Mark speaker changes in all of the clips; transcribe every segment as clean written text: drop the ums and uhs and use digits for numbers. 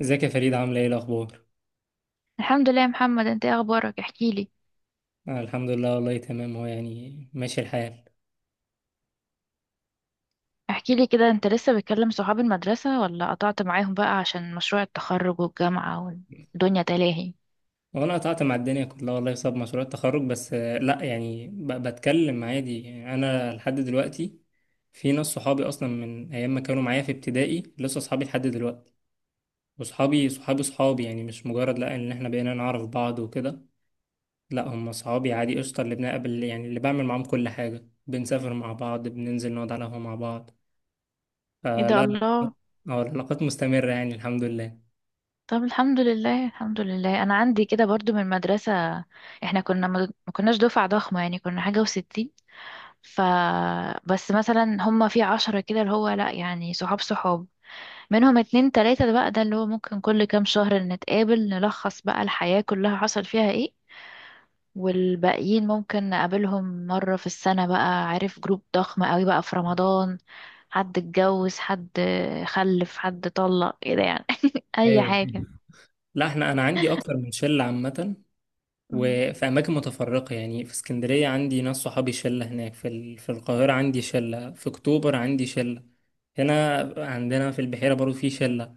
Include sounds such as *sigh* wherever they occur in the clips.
Speaker 1: ازيك يا فريد؟ عامله ايه الاخبار؟
Speaker 2: الحمد لله يا محمد، انت ايه اخبارك؟ احكي لي.
Speaker 1: آه، الحمد لله والله تمام. هو يعني ماشي الحال.
Speaker 2: احكي لي كده، انت لسه بتكلم صحاب المدرسة ولا قطعت معاهم بقى عشان مشروع التخرج والجامعة والدنيا تلاهي؟
Speaker 1: هو انا قطعت مع الدنيا كلها والله بسبب مشروع التخرج، بس لا يعني بتكلم عادي، يعني انا لحد دلوقتي في ناس صحابي اصلا من ايام ما كانوا معايا في ابتدائي لسه صحابي لحد دلوقتي. وصحابي صحابي صحابي، يعني مش مجرد لا ان احنا بقينا نعرف بعض وكده، لا هم صحابي عادي قشطه، اللي بنقابل يعني اللي بعمل معاهم كل حاجه، بنسافر مع بعض، بننزل نقعد على القهوه مع بعض.
Speaker 2: ايه
Speaker 1: فلا
Speaker 2: ده،
Speaker 1: لا،
Speaker 2: الله.
Speaker 1: اه العلاقات مستمرة يعني الحمد لله.
Speaker 2: طب الحمد لله، الحمد لله. انا عندي كده برضو من المدرسة. احنا كنا ما ما كناش دفعة ضخمة يعني، كنا حاجة وستين. ف بس مثلا هما في 10 كده، اللي هو لا يعني صحاب صحاب. منهم اتنين تلاتة، ده بقى ده اللي هو ممكن كل كام شهر نتقابل، نلخص بقى الحياة كلها حصل فيها ايه. والباقيين ممكن نقابلهم مرة في السنة بقى، عارف، جروب ضخم قوي بقى في رمضان. حد اتجوز، حد خلف، حد طلق، كده يعني. *laughs* أي
Speaker 1: ايوه،
Speaker 2: حاجة.
Speaker 1: لا انا عندي اكتر من شله عامه،
Speaker 2: أمم.
Speaker 1: وفي اماكن متفرقه. يعني في اسكندريه عندي ناس صحابي شله هناك، في في القاهره عندي شله، في اكتوبر عندي شله، هنا عندنا في البحيره برضو في شله.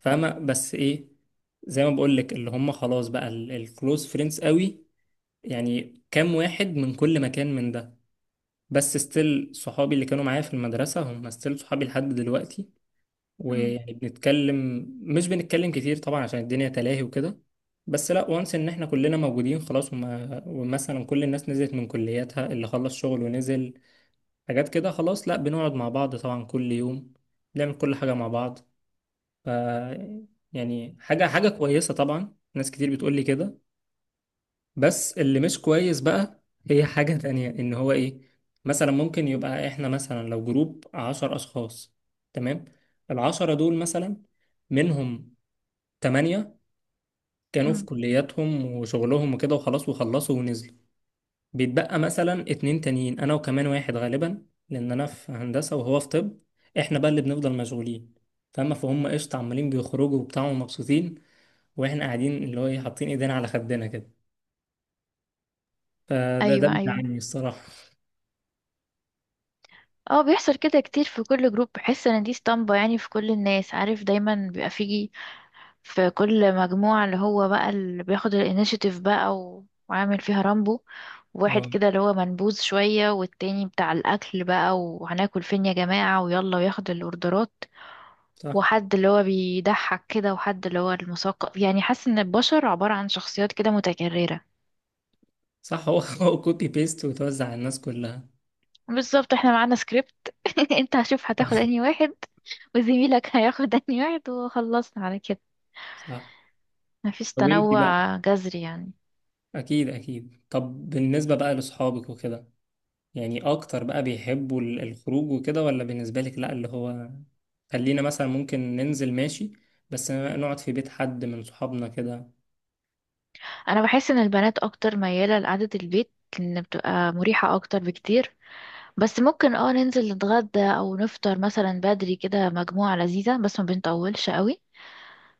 Speaker 1: فاهمه؟ بس ايه، زي ما بقول لك اللي هم خلاص بقى الكلوز فريندز قوي، يعني كام واحد من كل مكان من ده. بس ستيل صحابي اللي كانوا معايا في المدرسه هم ستيل صحابي لحد دلوقتي.
Speaker 2: أمم.
Speaker 1: ويعني بنتكلم، مش بنتكلم كتير طبعا عشان الدنيا تلاهي وكده، بس لا وانس ان احنا كلنا موجودين خلاص. وما ومثلا كل الناس نزلت من كلياتها، اللي خلص شغل ونزل حاجات كده خلاص، لا بنقعد مع بعض طبعا كل يوم، بنعمل كل حاجة مع بعض. ف، يعني حاجة حاجة كويسة طبعا، ناس كتير بتقول لي كده. بس اللي مش كويس بقى، هي *laughs* حاجة تانية ان هو ايه، مثلا ممكن يبقى احنا مثلا لو جروب عشر اشخاص، تمام، العشرة دول مثلا منهم تمانية كانوا في
Speaker 2: أمم.
Speaker 1: كلياتهم وشغلهم وكده وخلاص وخلصوا ونزلوا. بيتبقى مثلا اتنين تانيين، أنا وكمان واحد، غالبا لأن أنا في هندسة وهو في طب. إحنا بقى اللي بنفضل مشغولين، فاهمة؟ فهم قشطة عمالين بيخرجوا وبتاع ومبسوطين، وإحنا قاعدين اللي هو إيه، حاطين إيدينا على خدنا كده. فده
Speaker 2: أيوة، أيوة.
Speaker 1: بيزعلني الصراحة.
Speaker 2: اه، بيحصل كده كتير. في كل جروب بحس ان دي اسطمبة يعني، في كل الناس، عارف، دايما بيبقى فيه في كل مجموعة اللي هو بقى اللي بياخد الانيشيتيف بقى و- وعامل فيها رامبو. واحد
Speaker 1: اه
Speaker 2: كده اللي هو منبوذ شوية، والتاني بتاع الأكل بقى وهناكل فين يا جماعة ويلا وياخد الأوردرات،
Speaker 1: صح،
Speaker 2: وحد اللي هو بيضحك كده، وحد اللي هو المثقف. يعني حاسة إن البشر عبارة عن شخصيات كده متكررة.
Speaker 1: صح. *laughs* هو هو كوبي بيست وتوزع على الناس كلها.
Speaker 2: بالظبط، احنا معانا سكريبت. *laughs* انت هشوف هتاخد أنهي واحد وزميلك هياخد أنهي واحد وخلصنا على كده.
Speaker 1: صح.
Speaker 2: مفيش
Speaker 1: طب انت بقى،
Speaker 2: تنوع جذري يعني.
Speaker 1: اكيد اكيد. طب بالنسبه بقى لاصحابك وكده، يعني اكتر بقى بيحبوا الخروج وكده، ولا بالنسبة لك لا اللي هو خلينا مثلا ممكن ننزل ماشي، بس نقعد في بيت حد من صحابنا كده؟
Speaker 2: أنا بحس إن البنات أكتر ميالة لقعدة البيت، لأن بتبقى مريحة أكتر بكتير. بس ممكن ننزل نتغدى او نفطر مثلا بدري كده، مجموعة لذيذة بس ما بنطولش قوي.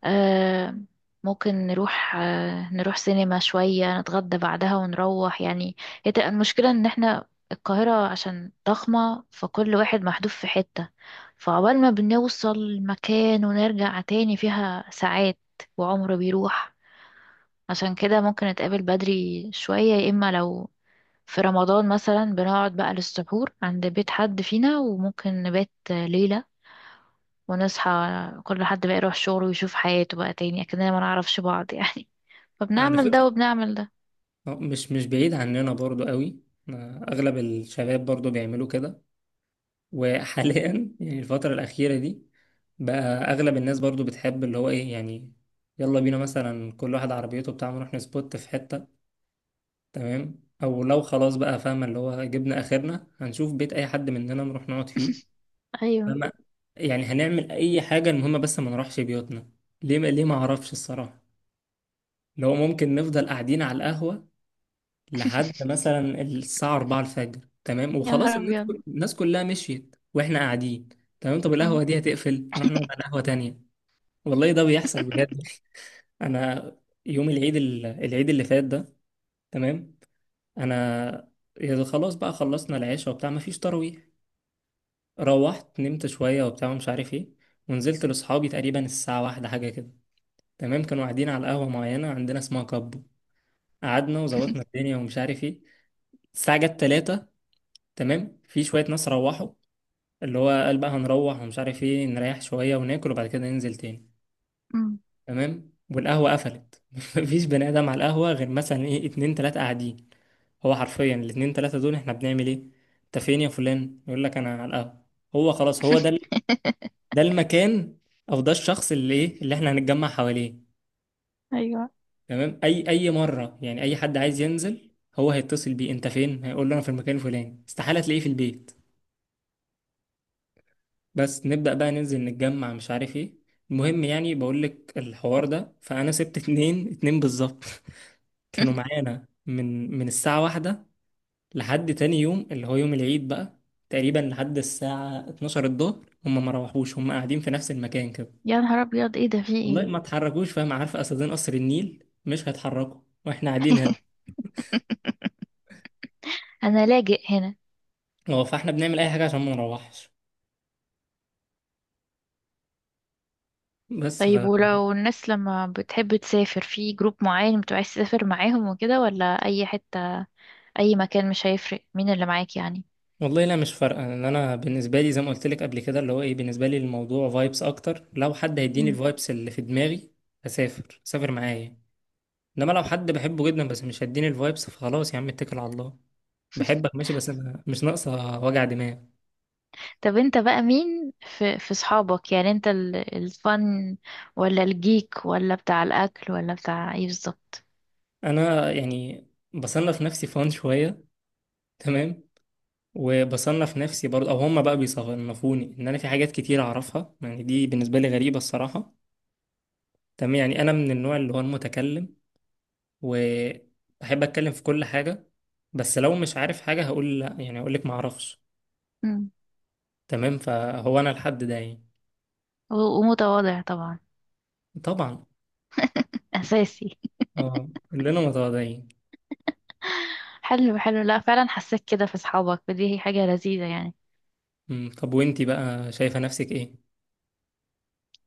Speaker 2: آه، ممكن نروح سينما شوية، نتغدى بعدها ونروح يعني. هي تبقى المشكلة ان احنا، القاهرة عشان ضخمة فكل واحد محدود في حتة، فعقبال ما بنوصل المكان ونرجع تاني فيها ساعات، وعمر بيروح. عشان كده ممكن نتقابل بدري شوية، يا إما لو في رمضان مثلا بنقعد بقى للسحور عند بيت حد فينا، وممكن نبات ليلة ونصحى كل حد بقى يروح شغله ويشوف حياته بقى تاني، أكننا ما نعرفش بعض يعني. *laughs*
Speaker 1: على
Speaker 2: فبنعمل ده
Speaker 1: فكرة
Speaker 2: وبنعمل ده.
Speaker 1: مش بعيد عننا برضو قوي. اغلب الشباب برضو بيعملوا كده. وحاليا *laughs* يعني الفترة الأخيرة دي بقى، اغلب الناس برضو بتحب اللي هو ايه يعني، يلا بينا مثلا كل واحد عربيته بتاعه نروح نسبوت في حتة. تمام، او لو خلاص بقى فاهمة اللي هو جبنا اخرنا، هنشوف بيت اي حد مننا نروح نقعد فيه.
Speaker 2: *laughs* أيوه.
Speaker 1: فما، يعني هنعمل اي حاجه المهم بس ما نروحش بيوتنا. ليه؟ ما اعرفش الصراحه. لو ممكن نفضل قاعدين على القهوه لحد مثلا الساعه 4 الفجر، تمام،
Speaker 2: يا نهار
Speaker 1: وخلاص الناس
Speaker 2: أبيض.
Speaker 1: الناس كلها مشيت واحنا قاعدين. تمام، طب
Speaker 2: أمم.
Speaker 1: القهوه دي هتقفل، نروح نقعد على قهوه تانية. والله ده بيحصل بجد. *laughs* انا يوم العيد العيد اللي فات ده، تمام، انا، يا خلاص بقى خلصنا العشاء وبتاع، مفيش تراويح، روحت نمت شويه وبتاع ومش عارف ايه، ونزلت لاصحابي تقريبا الساعة واحدة حاجة كده. تمام، كانوا قاعدين على قهوة معينة عندنا اسمها كابو. قعدنا وظبطنا الدنيا ومش عارف ايه، الساعة جت تلاتة، تمام، في شوية ناس روحوا، اللي هو قال بقى هنروح ومش عارف ايه، نريح شوية وناكل وبعد كده ننزل تاني.
Speaker 2: أمم.
Speaker 1: تمام، والقهوة قفلت، *laughs* مفيش بني آدم على القهوة غير مثلا ايه اتنين تلاتة قاعدين. هو حرفيا الاتنين تلاتة دول احنا بنعمل ايه؟ انت فين يا فلان؟ يقول لك انا على القهوة. هو خلاص هو ده
Speaker 2: *laughs*
Speaker 1: ده المكان، او ده الشخص اللي ايه اللي احنا هنتجمع حواليه.
Speaker 2: أيوه،
Speaker 1: تمام، اي اي مره يعني اي حد عايز ينزل، هو هيتصل بيه، انت فين؟ هيقول له انا في المكان الفلاني، استحاله تلاقيه في البيت. بس نبدا بقى ننزل نتجمع مش عارف ايه، المهم يعني بقول لك الحوار ده. فانا سبت اتنين، اتنين بالظبط *laughs* كانوا معانا من الساعه واحدة لحد تاني يوم اللي هو يوم العيد بقى، تقريبا لحد الساعه 12 الظهر، هم ما روحوش، هم قاعدين في نفس المكان كده.
Speaker 2: يا نهار أبيض، إيه ده، في
Speaker 1: والله
Speaker 2: إيه؟
Speaker 1: ما اتحركوش، فاهم؟ عارف اسدين قصر النيل مش هيتحركوا، واحنا قاعدين هنا.
Speaker 2: *laughs* أنا لاجئ هنا.
Speaker 1: اه، فاحنا بنعمل اي حاجه عشان ما نروحش. بس
Speaker 2: طيب، ولو الناس لما بتحب تسافر في جروب معين بتبقى عايز تسافر معاهم وكده، ولا أي حتة أي مكان مش هيفرق مين اللي معاك يعني؟
Speaker 1: والله لا مش فارقه، ان انا بالنسبه لي زي ما قلت لك قبل كده اللي هو ايه، بالنسبه لي الموضوع فايبس اكتر. لو حد هيديني
Speaker 2: مم.
Speaker 1: الفايبس اللي في دماغي هسافر، سافر معايا. انما لو حد بحبه جدا بس مش هيديني الفايبس، فخلاص يا عم اتكل على الله، بحبك ماشي، بس أنا مش ناقصه وجع دماغ.
Speaker 2: طب انت بقى مين في صحابك يعني؟ انت الفن، ولا الجيك، ولا بتاع الاكل، ولا بتاع ايه بالظبط؟
Speaker 1: انا يعني بصنف نفسي فان شويه، تمام، وبصنف نفسي برضه، او هما بقى بيصنفوني ان انا في حاجات كتير اعرفها. يعني دي بالنسبه لي غريبه الصراحه. تمام، يعني انا من النوع اللي هو المتكلم، وبحب اتكلم في كل حاجة. بس لو مش عارف حاجة هقول لا، يعني هقول لك ما اعرفش.
Speaker 2: مم.
Speaker 1: تمام، فهو انا الحد ده يعني.
Speaker 2: و- ومتواضع طبعا.
Speaker 1: طبعا.
Speaker 2: اساسي.
Speaker 1: اه كلنا متواضعين.
Speaker 2: *laughs* حلو حلو، لا فعلا حسيت كده في صحابك، ودي هي حاجة لذيذة يعني.
Speaker 1: أمم، طب وانتي بقى شايفة نفسك ايه؟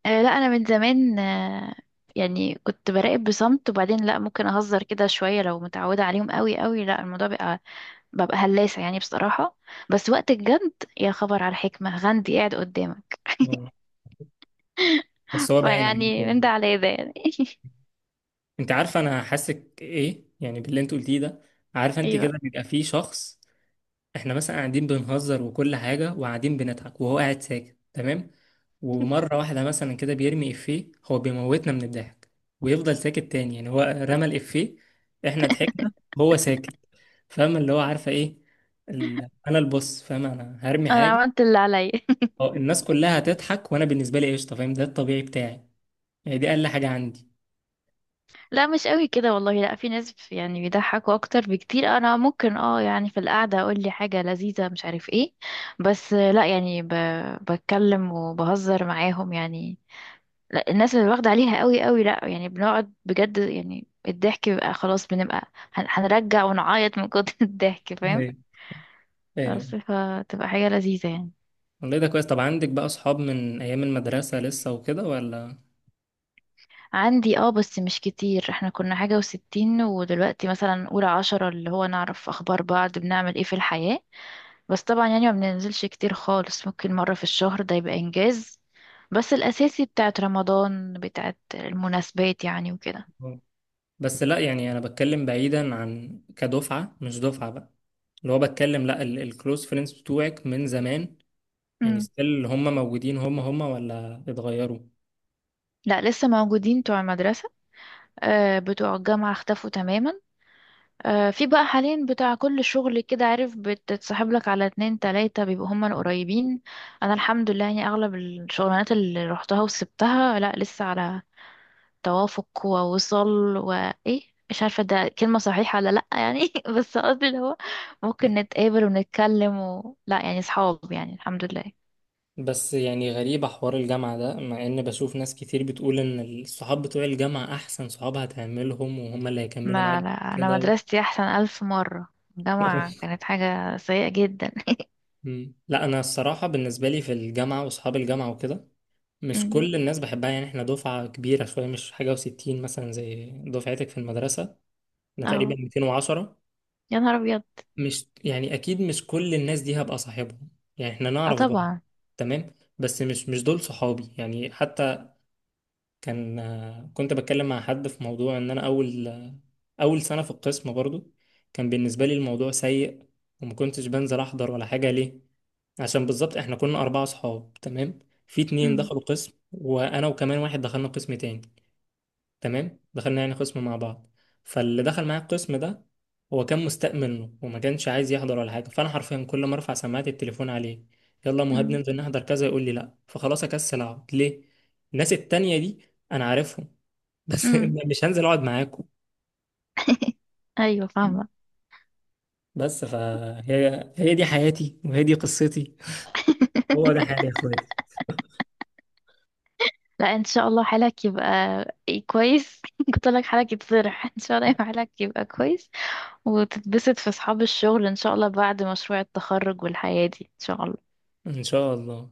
Speaker 2: آه لا، انا من زمان يعني كنت براقب بصمت، وبعدين لا ممكن اهزر كده شوية. لو متعودة عليهم قوي قوي، لا الموضوع بقى ببقى هلاسة يعني بصراحة. بس وقت الجد، يا خبر على الحكمة غندي قاعد قدامك.
Speaker 1: آه،
Speaker 2: *laughs*
Speaker 1: بس هو باين عليك
Speaker 2: فيعني من ده
Speaker 1: يعني.
Speaker 2: على ده يعني. *laughs*
Speaker 1: انت عارفة انا حاسك ايه يعني باللي انت قلتيه ده؟ عارفة انت
Speaker 2: ايوه،
Speaker 1: كده بيبقى في شخص، احنا مثلا قاعدين بنهزر وكل حاجة وقاعدين بنضحك، وهو قاعد ساكت. تمام، ومرة واحدة مثلا كده بيرمي إفيه هو بيموتنا من الضحك، ويفضل ساكت تاني. يعني هو رمى الإفيه، احنا ضحكنا، هو ساكت. فاهمة اللي هو عارفة ايه انا البص فاهمة انا هرمي
Speaker 2: انا
Speaker 1: حاجة.
Speaker 2: عملت اللي عليا. *laughs*
Speaker 1: اه الناس كلها هتضحك، وانا بالنسبة لي قشطة فاهم؟ ده الطبيعي بتاعي، يعني دي اقل حاجة عندي.
Speaker 2: لا مش قوي كده والله، لا في ناس يعني بيضحكوا اكتر بكتير. انا ممكن يعني في القعده اقول لي حاجه لذيذه مش عارف ايه. بس لا يعني بتكلم وبهزر معاهم يعني. لا الناس اللي واخده عليها قوي قوي، لا يعني بنقعد بجد يعني الضحك بيبقى خلاص، بنبقى هنرجع ونعيط من كتر *laughs* الضحك، فاهم؟
Speaker 1: ايوه، ايوه.
Speaker 2: بس فتبقى حاجه لذيذه يعني.
Speaker 1: والله ده كويس. طب عندك بقى اصحاب من ايام المدرسة لسه وكده ولا؟
Speaker 2: عندي بس مش كتير، احنا كنا حاجة وستين ودلوقتي مثلا أولى 10 اللي هو نعرف أخبار بعض، بنعمل ايه في الحياة. بس طبعا يعني ما بننزلش كتير خالص، ممكن مرة في الشهر ده يبقى إنجاز، بس الأساسي بتاعت رمضان، بتاعت المناسبات يعني وكده.
Speaker 1: بس لا يعني انا بتكلم بعيدا عن كدفعه، مش دفعه بقى اللي هو بتكلم، لا الكلوز فريندز بتوعك من زمان يعني
Speaker 2: مم.
Speaker 1: ستيل هم موجودين، هم هم ولا اتغيروا؟
Speaker 2: لا لسه موجودين بتوع المدرسة. آه بتوع الجامعة اختفوا تماما. آه، في بقى حاليا بتاع كل شغل كده، عارف، بتتصاحب لك على اتنين تلاتة بيبقوا هما القريبين. انا الحمد لله يعني، اغلب الشغلانات اللي روحتها وسبتها لا لسه على توافق ووصل وايه، مش عارفة ده كلمة صحيحة ولا لأ يعني. *laughs* بس قصدي اللي هو ممكن نتقابل ونتكلم لا يعني صحاب يعني، الحمد لله.
Speaker 1: بس يعني غريبة حوار الجامعة ده، مع إن بشوف ناس كتير بتقول إن الصحاب بتوع الجامعة أحسن صحاب هتعملهم، وهم اللي هيكملوا
Speaker 2: ما
Speaker 1: معاك.
Speaker 2: لا، أنا
Speaker 1: كده و...
Speaker 2: مدرستي أحسن ألف مرة، الجامعة
Speaker 1: *laughs*
Speaker 2: كانت حاجة سيئة جدا.
Speaker 1: مم. لا أنا الصراحة بالنسبة لي في الجامعة وصحاب الجامعة وكده،
Speaker 2: *laughs*
Speaker 1: مش
Speaker 2: أمم.
Speaker 1: كل الناس بحبها يعني. إحنا دفعة كبيرة شوية، مش حاجة وستين مثلا زي دفعتك في المدرسة، انا تقريبا
Speaker 2: اه.
Speaker 1: 210.
Speaker 2: يا نهار أبيض.
Speaker 1: مش يعني اكيد مش كل الناس دي هبقى صاحبهم، يعني احنا
Speaker 2: اه
Speaker 1: نعرف بعض،
Speaker 2: طبعا.
Speaker 1: تمام، بس مش دول صحابي يعني. حتى كان كنت بتكلم مع حد في موضوع ان انا اول اول سنة في القسم برضو كان بالنسبة لي الموضوع سيء، وما كنتش بنزل احضر ولا حاجة. ليه؟ عشان بالظبط احنا كنا اربعة صحاب، تمام، في اتنين
Speaker 2: أمم.
Speaker 1: دخلوا قسم، وانا وكمان واحد دخلنا قسم تاني. تمام، دخلنا يعني قسم مع بعض، فاللي دخل معايا القسم ده هو كان مستاء منه وما كانش عايز يحضر ولا حاجه، فانا حرفيا كل ما ارفع سماعه التليفون عليه، يلا يا مهاب
Speaker 2: أمم.
Speaker 1: ننزل نحضر كذا، يقول لي لا، فخلاص اكسل اقعد ليه. الناس التانية دي انا عارفهم، بس
Speaker 2: أمم.
Speaker 1: *laughs* مش هنزل اقعد معاكم.
Speaker 2: ايوه، فاهمه.
Speaker 1: بس فهي هي دي حياتي، وهي دي قصتي، هو ده حالي يا اخواتي.
Speaker 2: لا، ان شاء الله حالك يبقى كويس. *laughs* قلت لك حالك يتصلح. *laughs* ان شاء الله يبقى حالك يبقى كويس، وتتبسط في اصحاب الشغل ان شاء الله بعد مشروع التخرج، والحياه دي ان شاء الله.
Speaker 1: ان شاء الله.